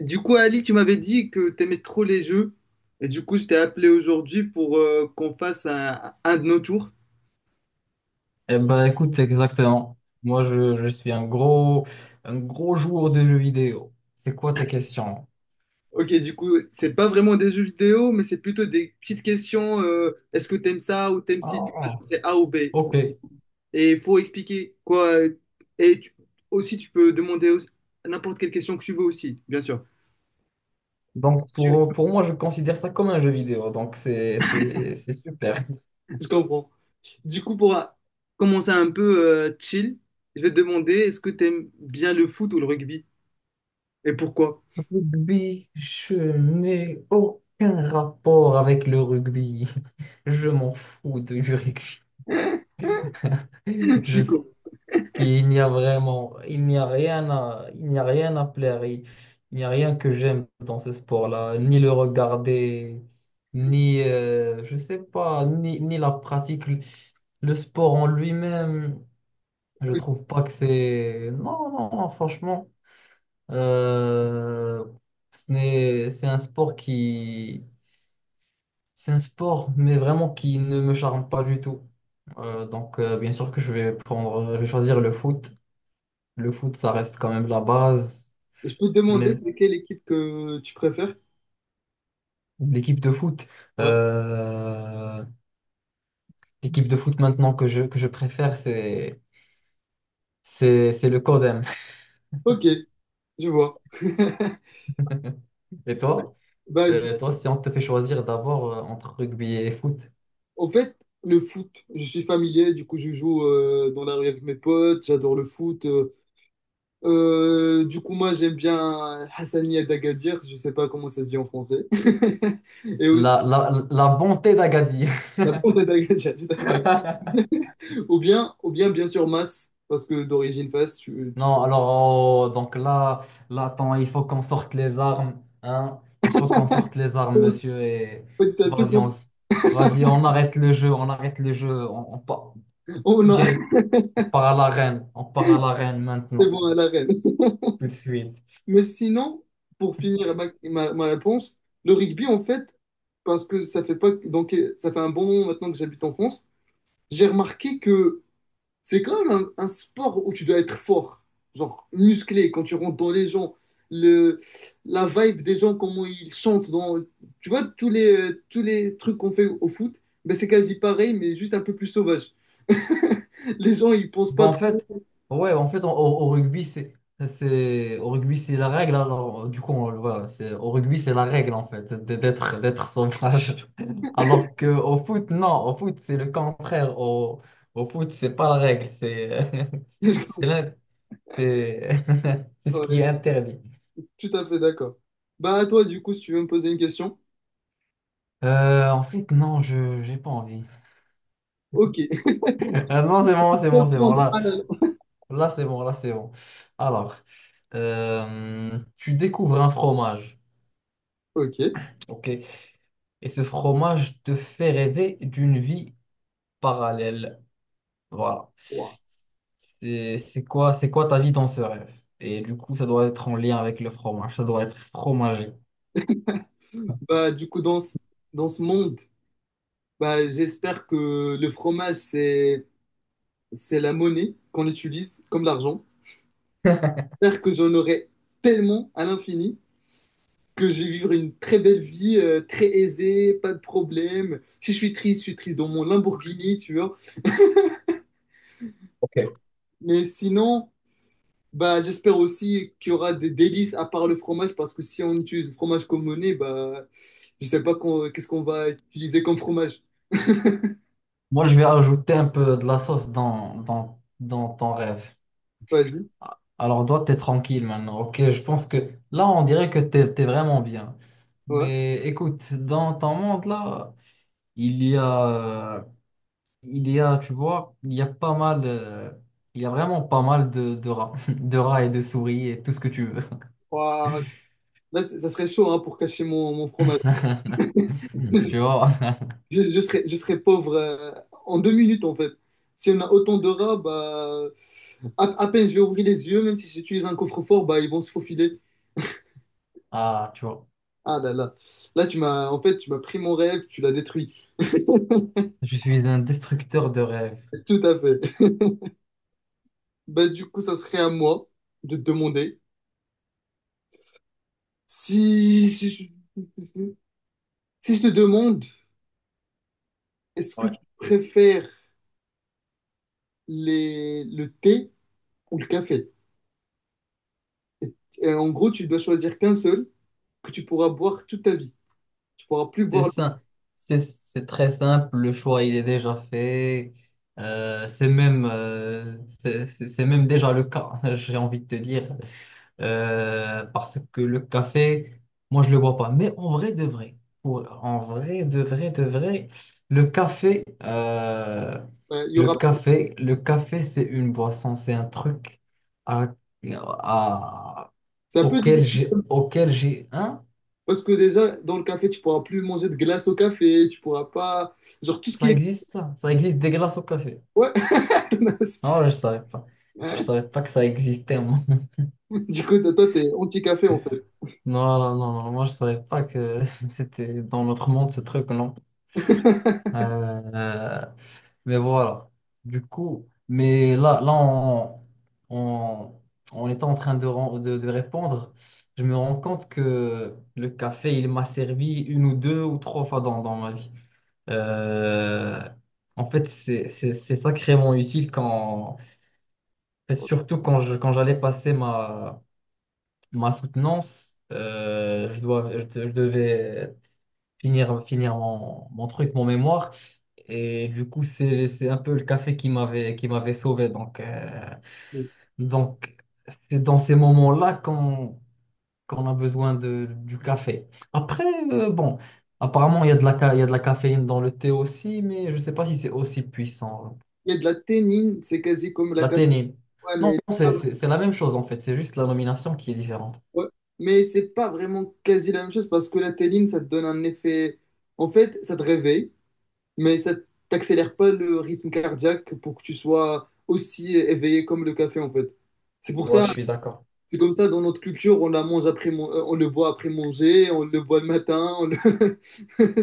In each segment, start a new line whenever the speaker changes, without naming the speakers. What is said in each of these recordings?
Du coup, Ali, tu m'avais dit que t'aimais trop les jeux. Et du coup, je t'ai appelé aujourd'hui pour qu'on fasse un de nos tours.
Eh ben, écoute, exactement. Moi, je suis un gros joueur de jeux vidéo. C'est quoi tes questions?
Ok, du coup, c'est pas vraiment des jeux vidéo, mais c'est plutôt des petites questions. Est-ce que t'aimes ça ou t'aimes si tu vois,
Ah,
genre, c'est A ou B?
ok.
Et il faut expliquer quoi. Et tu- Aussi, tu peux demander n'importe quelle question que tu veux aussi, bien sûr.
Donc,
Tu-
pour moi, je considère ça comme un jeu vidéo. Donc, c'est super.
Je comprends. Du coup, pour commencer un peu chill, je vais te demander, est-ce que t'aimes bien le foot ou le rugby? Et pourquoi?
Rugby, je n'ai aucun rapport avec le rugby. Je m'en du rugby.
Je
Je,
suis con.
Puis il n'y a vraiment, il n'y a rien à plaire. Il n'y a rien que j'aime dans ce sport-là, ni le regarder, ni, je sais pas, ni, ni la pratique. Le sport en lui-même, je
Ok.
trouve pas que c'est. Non, non, non, franchement, euh, ce n'est, c'est un c'est un sport, mais vraiment qui ne me charme pas du tout. Donc, bien sûr que je je vais choisir le foot. Le foot, ça reste quand même la base.
Et je peux te demander,
Même
c'est quelle équipe que tu préfères?
l'équipe de foot,
Ouais.
euh, l'équipe de foot maintenant que je préfère, c'est le Codem.
Ok, je vois.
Et toi?
Bah, du-
Toi, si on te fait choisir d'abord entre rugby et foot,
En fait, le foot, je suis familier, du coup, je joue dans la rue avec mes potes, j'adore le foot. Du coup, moi, j'aime bien Hassania d'Agadir, je sais pas comment ça se dit en français. Et aussi,
la bonté d'Agadir.
la bande d'Agadir, tout à fait. Ou bien, bien sûr, Mas, parce que d'origine Fas, tu sais.
Non, alors, oh, donc là, attends, il faut qu'on sorte les armes. Hein? Il faut qu'on sorte les armes,
En
monsieur. Et
fait, t'as tout
vas-y, on,
compris.
s- vas-y, on arrête le jeu, on arrête le jeu.
Oh non,
Direct part à la reine. On part à la reine
c'est
maintenant,
bon, à la reine.
tout de suite.
Mais sinon, pour finir ma réponse, le rugby, en fait, parce que ça fait pas, donc, ça fait un bon moment maintenant que j'habite en France, j'ai remarqué que c'est quand même un sport où tu dois être fort, genre musclé, quand tu rentres dans les gens, le, la vibe des gens, comment ils chantent, dans, tu vois, tous les trucs qu'on fait au foot, ben c'est quasi pareil, mais juste un peu plus sauvage. Les gens, ils pensent
Bon,
pas
en
trop.
fait, ouais, en fait, au rugby, au rugby, c'est la règle. Alors, du coup, voilà, c'est, au rugby, c'est la règle, en fait, d'être sauvage. Alors que au foot, non, au foot, c'est le contraire. Au foot, c'est pas la règle, c'est l'in- c'est, c'est ce qui est
Ouais,
interdit.
tout à fait d'accord. Bah, à toi, du coup, si tu veux me poser une question.
En fait, non, j'ai pas envie.
Ok.
Ah non, c'est bon, c'est bon, c'est bon.
Reprendre
Là,
à la-
là, c'est bon, là, c'est bon. Alors. Tu découvres un fromage,
Ok.
ok? Et ce fromage te fait rêver d'une vie parallèle. Voilà.
Ouah.
C'est quoi ta vie dans ce rêve? Et du coup, ça doit être en lien avec le fromage. Ça doit être fromager.
Bah, du coup, dans ce monde, bah, j'espère que le fromage, c'est la monnaie qu'on utilise comme l'argent. J'espère que j'en aurai tellement à l'infini que je vais vivre une très belle vie, très aisée, pas de problème. Si je suis triste, je suis triste dans mon Lamborghini, tu vois.
Ok.
Mais sinon, bah, j'espère aussi qu'il y aura des délices à part le fromage parce que si on utilise le fromage comme monnaie, bah, je sais pas qu'est-ce qu'on va utiliser comme fromage.
Moi, je vais ajouter un peu de la sauce dans ton rêve.
Vas-y.
Alors, toi, t'es tranquille maintenant, ok? Je pense que là, on dirait que t'es vraiment bien.
Ouais.
Mais écoute, dans ton monde, là, il y a... il y a, tu vois, il y a vraiment pas mal de rats, de rats et de souris et tout ce que tu veux.
Ouah. Là, ça serait chaud hein, pour cacher mon fromage.
Tu vois?
Je serais pauvre en deux minutes en fait. Si on a autant de rats, bah, à peine je vais ouvrir les yeux, même si j'utilise un coffre-fort, bah, ils vont se faufiler.
Ah, tu vois.
Ah là là. Là, tu m'as, en fait, tu m'as pris mon rêve, tu l'as détruit. Tout
Je suis un destructeur de rêves.
à fait. Bah, du coup, ça serait à moi de te demander si, si, si si je te demande, est-ce que tu
Ouais.
préfères le thé ou le café? Et, et en gros, tu dois choisir qu'un seul que tu pourras boire toute ta vie. Tu pourras plus
C'est
boire.
ça. C'est très simple. Le choix, il est déjà fait. Euh, c'est même, euh, c'est même déjà le cas. J'ai envie de te dire. Parce que le café, moi, je le bois pas. Mais en vrai de vrai, en vrai de vrai de vrai, le café, euh,
Il y aura.
le café, c'est une boisson, c'est un truc à, à-
C'est un peu
auquel
difficile
auquel j'ai, hein?
parce que déjà, dans le café, tu pourras plus manger de glace au café. Tu pourras pas. Genre, tout ce qui
Ça
est.
existe, ça? Ça existe des glaces au café.
Ouais.
Non, je savais pas. Je savais pas que ça existait, moi.
Du coup, toi, t'es anti-café en fait.
Non, non, non, non, moi, je savais pas que c'était dans notre monde, ce truc, non. Euh, Mais voilà. Du coup, mais en, en étant en train de répondre, je me rends compte que le café, il m'a servi une ou deux ou trois fois dans ma vie. Euh, en fait, c'est sacrément utile quand, et surtout quand j'allais passer ma soutenance, euh, je devais finir mon truc, mon mémoire. Et du coup, c'est un peu le café qui qui m'avait sauvé. Donc, c'est dans ces moments-là qu'on a besoin de, du café. Après, bon, apparemment, il y a il y a de la caféine dans le thé aussi, mais je ne sais pas si c'est aussi puissant.
Il y a de la ténine, c'est quasi comme la
La
caféine.
théine.
Ouais,
Non,
mais,
c'est c'est- c'est la même chose en fait. C'est juste la nomination qui est différente.
ouais. Mais c'est pas vraiment quasi la même chose parce que la ténine, ça te donne un effet. En fait, ça te réveille, mais ça t'accélère pas le rythme cardiaque pour que tu sois aussi éveillé comme le café en fait. C'est pour
Ouais, je
ça,
suis d'accord.
c'est comme ça dans notre culture, on la mange après, on le boit après manger, on le boit le matin.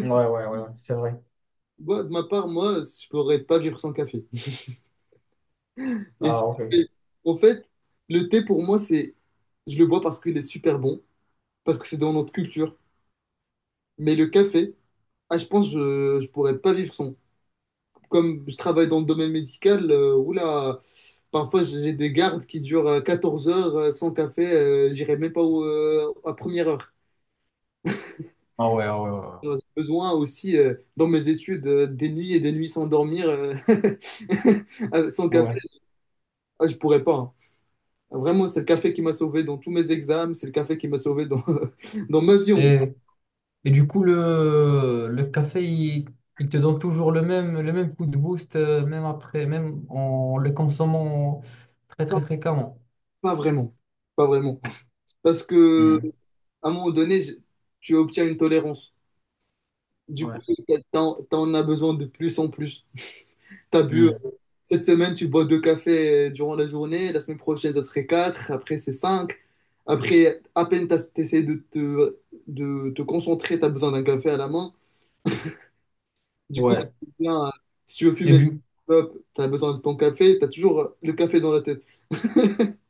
Ouais, ouais, ouais, ouais, c'est vrai.
Moi, de ma part, moi, je pourrais pas vivre sans café. Et si-
Ah, ok.
Et en fait, le thé pour moi, je le bois parce qu'il est super bon, parce que c'est dans notre culture. Mais le café, ah, je pense, que je pourrais pas vivre sans. Comme je travaille dans le domaine médical, oula. Parfois, j'ai des gardes qui durent 14 heures sans café. J'irai même pas à première heure.
Ah ouais, ah ouais, ouais, ouais.
J'ai besoin aussi, dans mes études, des nuits et des nuits sans dormir. Sans
Ah
café,
ouais.
ah, je pourrais pas, hein. Vraiment, c'est le café qui m'a sauvé dans tous mes examens. C'est le café qui m'a sauvé dans, dans ma vie.
Et Et du coup, le café, il te donne toujours le même coup de boost, même après, même en le consommant très
Pas,
très fréquemment.
pas vraiment. Pas vraiment. Parce que,
Hmm.
à un moment donné, tu obtiens une tolérance. Du coup,
Ouais.
t'en as besoin de plus en plus. T'as bu.
Hmm.
Cette semaine, tu bois deux cafés durant la journée. La semaine prochaine, ça serait quatre. Après, c'est cinq. Après, à peine tu essaies de te concentrer, tu as besoin d'un café à la main. Du coup, ça
Ouais.
devient, si tu veux
Et
fumer,
du,
tu as besoin de ton café. Tu as toujours le café dans la tête.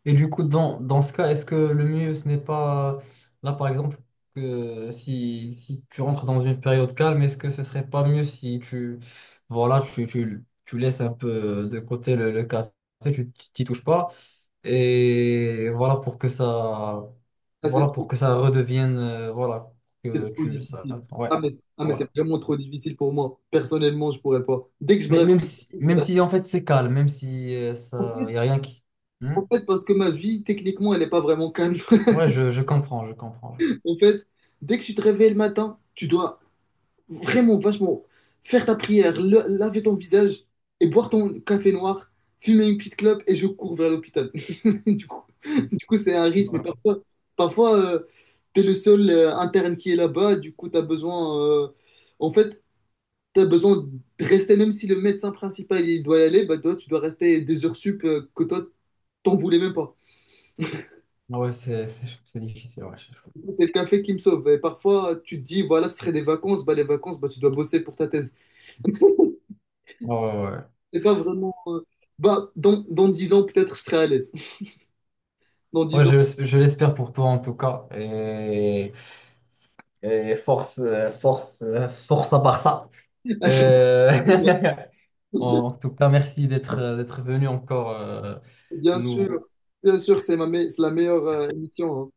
et du coup, dans ce cas, est-ce que le mieux, ce n'est pas, là par exemple, que si tu rentres dans une période calme, est-ce que ce serait pas mieux si tu, voilà, tu laisses un peu de côté le café, tu t'y touches pas? Et voilà pour que ça,
Ah, c'est
voilà
trop
pour que ça redevienne, voilà,
c'est
que
trop
tu, ça,
difficile.
ouais,
Ah, mais, ah, mais
ouais.
c'est vraiment trop difficile pour moi. Personnellement, je pourrais pas. Dès que je,
Mais
bref.
même si en fait c'est calme, même si
En
ça,
fait,
y a rien qui,
en
hmm.
fait, parce que ma vie, techniquement, elle n'est pas vraiment calme.
Ouais, je comprends, je comprends, je comprends.
En fait, dès que tu te réveilles le matin, tu dois, vraiment, vachement, faire ta prière, laver ton visage et boire ton café noir, fumer une petite clope et je cours vers l'hôpital. Du coup, du coup, c'est un risque. Mais
Ouais.
parfois t'es le seul interne qui est là-bas. Du coup, t'as besoin. En fait, t'as besoin de rester, même si le médecin principal il doit y aller, bah, toi, tu dois rester des heures sup que toi, t'en voulais même pas.
Ouais, c'est difficile, ouais. Je-
C'est le café qui me sauve. Et parfois, tu te dis, voilà, ce serait des vacances. Bah, les vacances, bah, tu dois bosser pour ta thèse.
ouais, ouais, ouais.
C'est pas vraiment. Bah, dans 10 ans, peut-être je serai à l'aise. Dans
Ouais,
10 ans,
je l'espère pour toi en tout cas. Et force, force à Barça. Euh, En tout cas, merci d'être venu encore,
bien
nous.
sûr, bien sûr, c'est la meilleure
Merci.
émission, hein.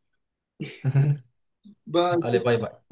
Bah,
Allez, bye bye.